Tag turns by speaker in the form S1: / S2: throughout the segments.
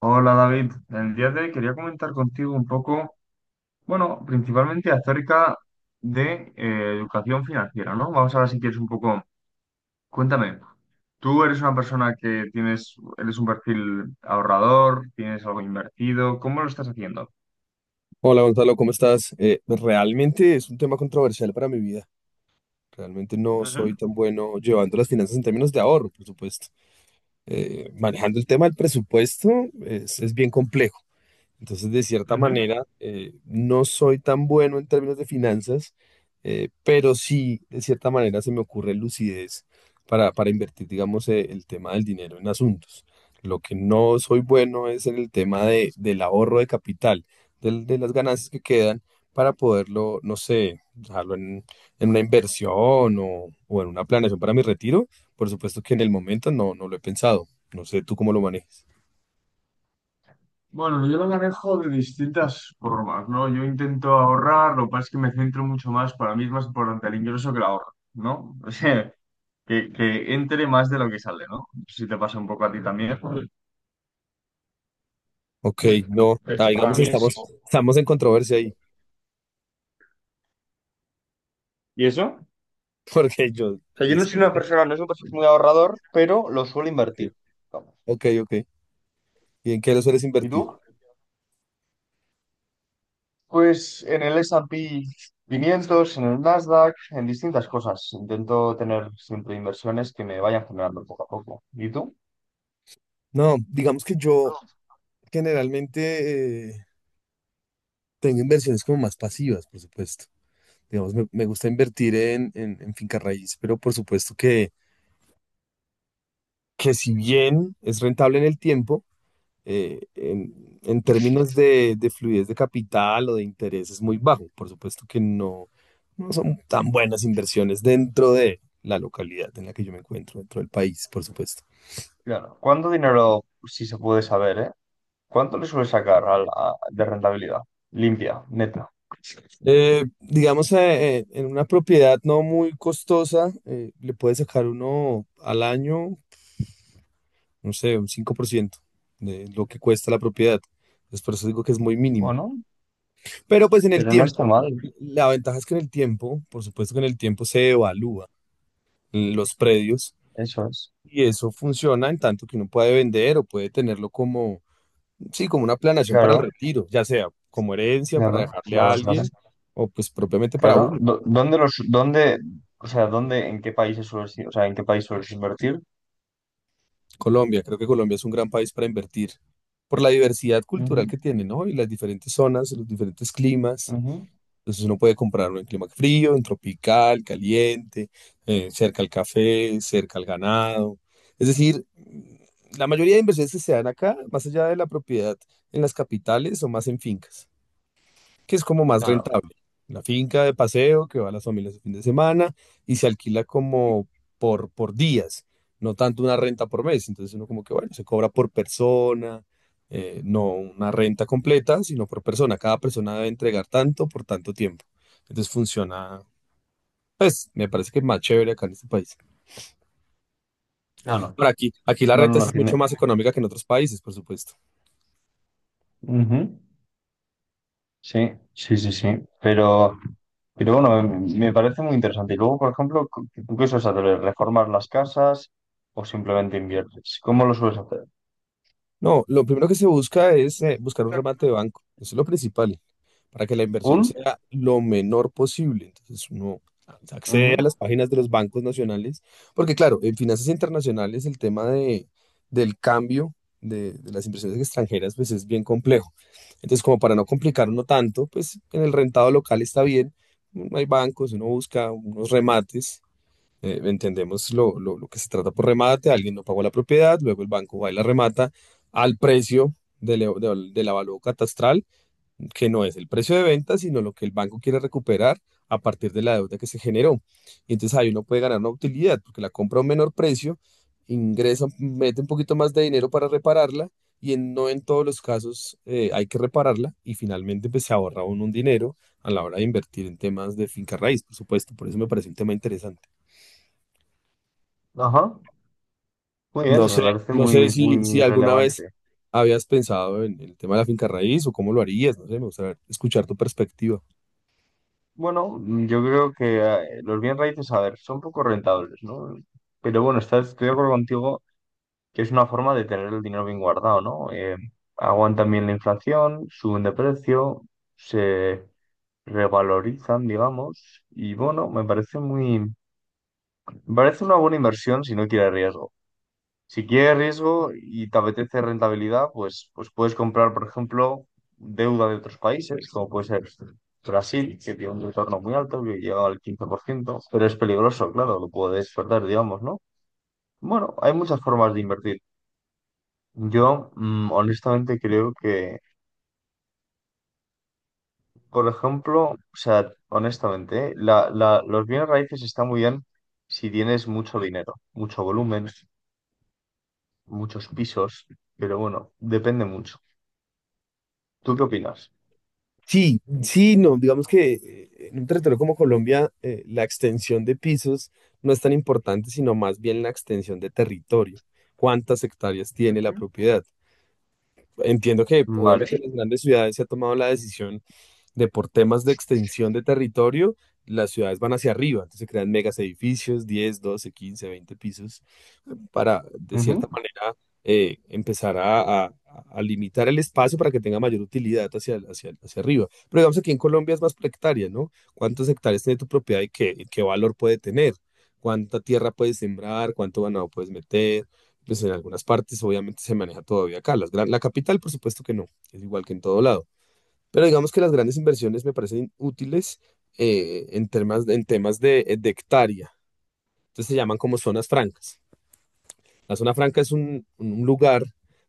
S1: Hola David, el día de hoy quería comentar contigo un poco, bueno, principalmente acerca de educación financiera, ¿no? Vamos a ver si quieres un poco, cuéntame, tú eres una persona que tienes, eres un perfil ahorrador, tienes algo invertido, ¿cómo lo estás haciendo?
S2: Hola Gonzalo, ¿cómo estás? Realmente es un tema controversial para mi vida. Realmente no soy
S1: Ujú,
S2: tan bueno llevando las finanzas en términos de ahorro, por supuesto. Manejando el tema del presupuesto es bien complejo. Entonces, de cierta
S1: ujú.
S2: manera, no soy tan bueno en términos de finanzas, pero sí, de cierta manera, se me ocurre lucidez para invertir, digamos, el tema del dinero en asuntos. Lo que no soy bueno es en el tema del ahorro de capital, de las ganancias que quedan para poderlo, no sé, en una inversión o en una planeación para mi retiro. Por supuesto que en el momento no lo he pensado. No sé tú cómo lo manejas.
S1: Bueno, yo lo manejo de distintas formas, ¿no? Yo intento ahorrar, lo que pasa es que me centro mucho más, para mí es más importante el ingreso que el ahorro, ¿no? Que entre más de lo que sale, ¿no? No sé si te pasa un poco a ti también.
S2: Ok, no, ah,
S1: Pues para
S2: digamos,
S1: mí es-
S2: estamos en controversia ahí,
S1: ¿Y eso?
S2: porque yo,
S1: O sea, yo no soy una
S2: decíate,
S1: persona, no soy un perfil muy ahorrador, pero lo suelo
S2: ok,
S1: invertir. Vamos.
S2: ok, ¿y en qué lo sueles
S1: ¿Y
S2: invertir?
S1: tú? Pues en el S&P 500, en el Nasdaq, en distintas cosas. Intento tener siempre inversiones que me vayan generando poco a poco. ¿Y tú?
S2: No, digamos que yo generalmente tengo inversiones como más pasivas, por supuesto. Digamos, me gusta invertir en, en finca raíz, pero por supuesto que si bien es rentable en el tiempo, en términos de fluidez de capital o de interés es muy bajo. Por supuesto que no, no son tan buenas inversiones dentro de la localidad en la que yo me encuentro, dentro del país, por supuesto.
S1: Claro. ¿Cuánto dinero, si se puede saber, eh? ¿Cuánto le suele sacar a la- de rentabilidad? Limpia, neta.
S2: En una propiedad no muy costosa, le puede sacar uno al año, no sé, un 5% de lo que cuesta la propiedad. Entonces, por eso digo que es muy mínimo.
S1: Bueno,
S2: Pero pues en el
S1: pero no está
S2: tiempo,
S1: mal,
S2: la ventaja es que en el tiempo, por supuesto que en el tiempo se evalúa los predios,
S1: eso es.
S2: y eso funciona en tanto que uno puede vender o puede tenerlo como, sí, como una planeación para el
S1: Claro,
S2: retiro, ya sea como herencia para
S1: claro,
S2: dejarle
S1: claro,
S2: a
S1: claro.
S2: alguien o pues propiamente para
S1: Claro.
S2: uno.
S1: Do- ¿Dónde los, dónde, o sea, dónde, en qué países sueles ir? O sea, ¿en qué país sueles invertir?
S2: Colombia, creo que Colombia es un gran país para invertir por la diversidad cultural
S1: Ujú,
S2: que tiene, ¿no? Y las diferentes zonas, los diferentes climas.
S1: ujú.
S2: Entonces uno puede comprarlo en clima frío, en tropical, caliente, cerca al café, cerca al ganado. Es decir, la mayoría de inversiones que se dan acá, más allá de la propiedad en las capitales, son más en fincas, que es como más
S1: Claro,
S2: rentable. La finca de paseo que va a las familias el fin de semana y se alquila como por días, no tanto una renta por mes. Entonces uno como que, bueno, se cobra por persona, no una renta completa, sino por persona. Cada persona debe entregar tanto por tanto tiempo. Entonces funciona, pues me parece que es más chévere acá en este país.
S1: claro.
S2: Ahora aquí, aquí la
S1: No, no,
S2: renta sí
S1: no
S2: es mucho
S1: tiene.
S2: más económica que en otros países, por supuesto.
S1: Ujú. Sí, sí, sí, sí. Pero, pero bueno, me parece muy interesante. Y luego, por ejemplo, cu- ¿tú qué sueles hacer? ¿Reformar las casas o simplemente inviertes? ¿Cómo lo sueles hacer?
S2: No, lo primero que se busca es buscar un remate de banco. Eso es lo principal, para que la
S1: ¿Un?
S2: inversión sea lo menor posible. Entonces uno accede a
S1: Ujú.
S2: las páginas de los bancos nacionales, porque claro, en finanzas internacionales el tema del cambio de las inversiones extranjeras pues es bien complejo. Entonces como para no complicarlo tanto, pues en el rentado local está bien, no hay bancos, uno busca unos remates. Entendemos lo que se trata por remate, alguien no pagó la propiedad, luego el banco va y la remata al precio del avalúo catastral, que no es el precio de venta, sino lo que el banco quiere recuperar a partir de la deuda que se generó. Y entonces ahí uno puede ganar una utilidad, porque la compra a un menor precio, ingresa, mete un poquito más de dinero para repararla y en, no en todos los casos hay que repararla, y finalmente pues se ahorra uno un dinero a la hora de invertir en temas de finca raíz, por supuesto. Por eso me parece un tema interesante.
S1: Ajá. Muy bien,
S2: No
S1: me
S2: sé,
S1: parece
S2: no sé
S1: muy,
S2: si, si
S1: muy
S2: alguna vez
S1: relevante.
S2: habías pensado en el tema de la finca raíz o cómo lo harías, no sé, me gustaría escuchar tu perspectiva.
S1: Bueno, mm, yo creo que los bien raíces, a ver, son poco rentables, ¿no? Pero bueno, estoy de acuerdo contigo que es una forma de tener el dinero bien guardado, ¿no? Aguantan bien la inflación, suben de precio, se revalorizan, digamos, y bueno, me parece una buena inversión si no quiere riesgo. Si quieres riesgo y te apetece rentabilidad, pues puedes comprar, por ejemplo, deuda de otros países, como puede ser Brasil, que tiene un retorno muy alto, que llega al 15%, pero es peligroso, claro, lo puedes perder, digamos, ¿no? Bueno, hay muchas formas de invertir. Yo, mm, honestamente, creo que, por ejemplo, o sea, honestamente, ¿eh? Los bienes raíces están muy bien si tienes mucho dinero, mucho volumen, muchos pisos, pero bueno, depende mucho. ¿Tú qué opinas?
S2: Sí, sí, no, digamos que en un territorio como Colombia, la extensión de pisos no es tan importante, sino más bien la extensión de territorio. ¿Cuántas hectáreas tiene la propiedad? Entiendo que obviamente
S1: Vale.
S2: en las grandes ciudades se ha tomado la decisión de por temas de extensión de territorio, las ciudades van hacia arriba, entonces se crean megas edificios, 10, 12, 15, 20 pisos para, de cierta
S1: Ujú,
S2: manera, eh, empezar a, a- a limitar el espacio para que tenga mayor utilidad hacia, hacia arriba. Pero digamos aquí en Colombia es más por hectárea, ¿no? ¿Cuántas hectáreas tiene tu propiedad y y qué valor puede tener? ¿Cuánta tierra puedes sembrar? ¿Cuánto ganado puedes meter? Pues en algunas partes obviamente se maneja todavía acá. La capital, por supuesto que no, es igual que en todo lado. Pero digamos que las grandes inversiones me parecen útiles en temas de hectárea. Entonces se llaman como zonas francas. La zona franca es un lugar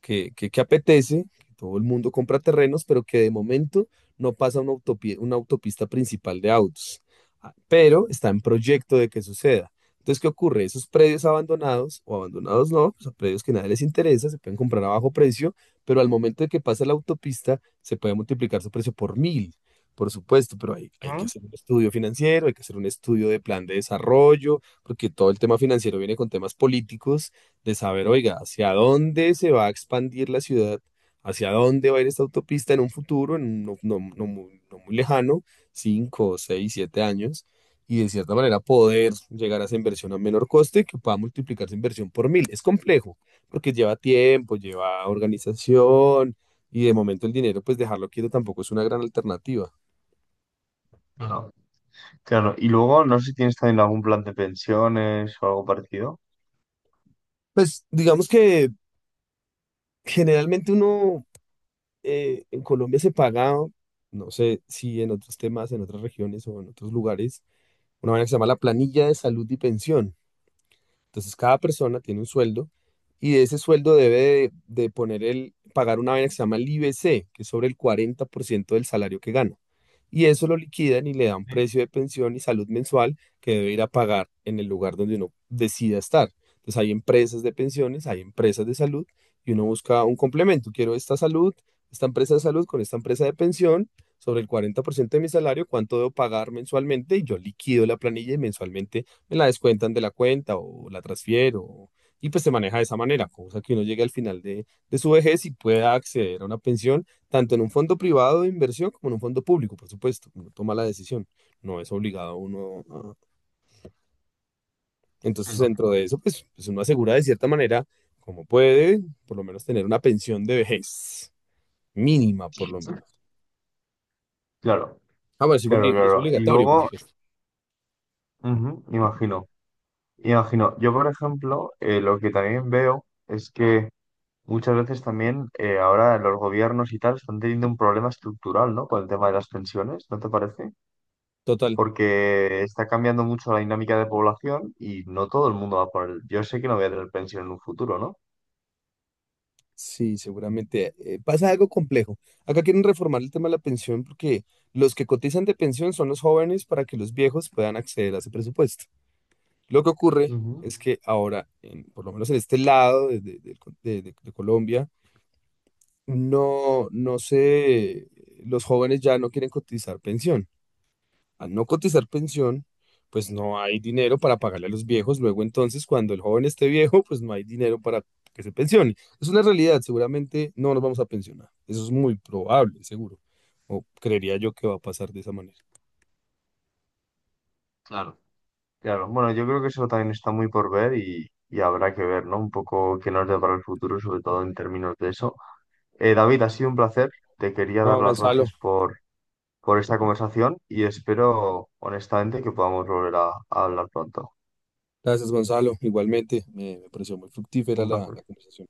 S2: que apetece, que todo el mundo compra terrenos, pero que de momento no pasa una una autopista principal de autos. Ah, pero está en proyecto de que suceda. Entonces, ¿qué ocurre? Esos predios abandonados, o abandonados no, pues a predios que nadie les interesa, se pueden comprar a bajo precio, pero al momento de que pasa la autopista, se puede multiplicar su precio por mil, por supuesto, pero hay que
S1: ujú.
S2: hacer un estudio financiero, hay que hacer un estudio de plan de desarrollo, porque todo el tema financiero viene con temas políticos de saber, oiga, hacia dónde se va a expandir la ciudad, hacia dónde va a ir esta autopista en un futuro, en un no, no muy, no muy lejano, 5 6 7 años, y de cierta manera poder llegar a esa inversión a menor coste que pueda multiplicar esa inversión por mil. Es complejo, porque lleva tiempo, lleva organización, y de momento el dinero, pues dejarlo quieto tampoco es una gran alternativa.
S1: Claro. Claro. Y luego, no sé si tienes también algún plan de pensiones o algo parecido.
S2: Pues digamos que generalmente uno en Colombia se paga, no sé si en otros temas, en otras regiones o en otros lugares, una manera que se llama la planilla de salud y pensión. Entonces cada persona tiene un sueldo y de ese sueldo de poner el, pagar una vaina que se llama el IBC, que es sobre el 40% del salario que gana. Y eso lo liquidan y le dan
S1: Sí.
S2: precio de pensión y salud mensual que debe ir a pagar en el lugar donde uno decida estar. Entonces hay empresas de pensiones, hay empresas de salud y uno busca un complemento. Quiero esta salud, esta empresa de salud con esta empresa de pensión sobre el 40% de mi salario, cuánto debo pagar mensualmente y yo liquido la planilla y mensualmente me la descuentan de la cuenta o la transfiero. Y pues se maneja de esa manera, cosa que uno llegue al final de su vejez y pueda acceder a una pensión, tanto en un fondo privado de inversión como en un fondo público, por supuesto. Uno toma la decisión, no es obligado uno.
S1: Sí,
S2: Entonces,
S1: no.
S2: dentro de eso, pues, pues uno asegura de cierta manera, como puede, por lo menos tener una pensión de vejez mínima, por lo menos.
S1: Claro,
S2: Ah, bueno, sí,
S1: claro,
S2: cumplir, es
S1: claro. Y
S2: obligatorio, por
S1: luego,
S2: supuesto.
S1: ujú, imagino, imagino. Yo, por ejemplo, lo que también veo es que muchas veces también ahora los gobiernos y tal están teniendo un problema estructural, ¿no? Con el tema de las pensiones, ¿no te parece?
S2: Total.
S1: Porque está cambiando mucho la dinámica de población y no todo el mundo va por el... Yo sé que no voy a tener pensión en un futuro, ¿no?
S2: Sí, seguramente. Pasa algo complejo. Acá quieren reformar el tema de la pensión porque los que cotizan de pensión son los jóvenes para que los viejos puedan acceder a ese presupuesto. Lo que ocurre
S1: Ujú,
S2: es que ahora, por lo menos en este lado de- del con- de Colombia, no, no sé, los jóvenes ya no quieren cotizar pensión. Al no cotizar pensión, pues no hay dinero para pagarle a los viejos. Luego entonces, cuando el joven esté viejo, pues no hay dinero para que se pensione. Es una realidad, seguramente no nos vamos a pensionar. Eso es muy probable, seguro. O creería yo que va a pasar de esa manera.
S1: claro. Claro, bueno, yo creo que eso también está muy por ver y habrá que ver, ¿no? Un poco qué nos depara el futuro, sobre todo en términos de eso. David, ha sido un placer. Te quería dar
S2: No,
S1: las
S2: Gonzalo.
S1: gracias por esta conversación y espero, honestamente, que podamos volver a hablar pronto.
S2: Gracias, Gonzalo. Igualmente, me pareció muy fructífera
S1: Un
S2: la
S1: placer.
S2: la conversación.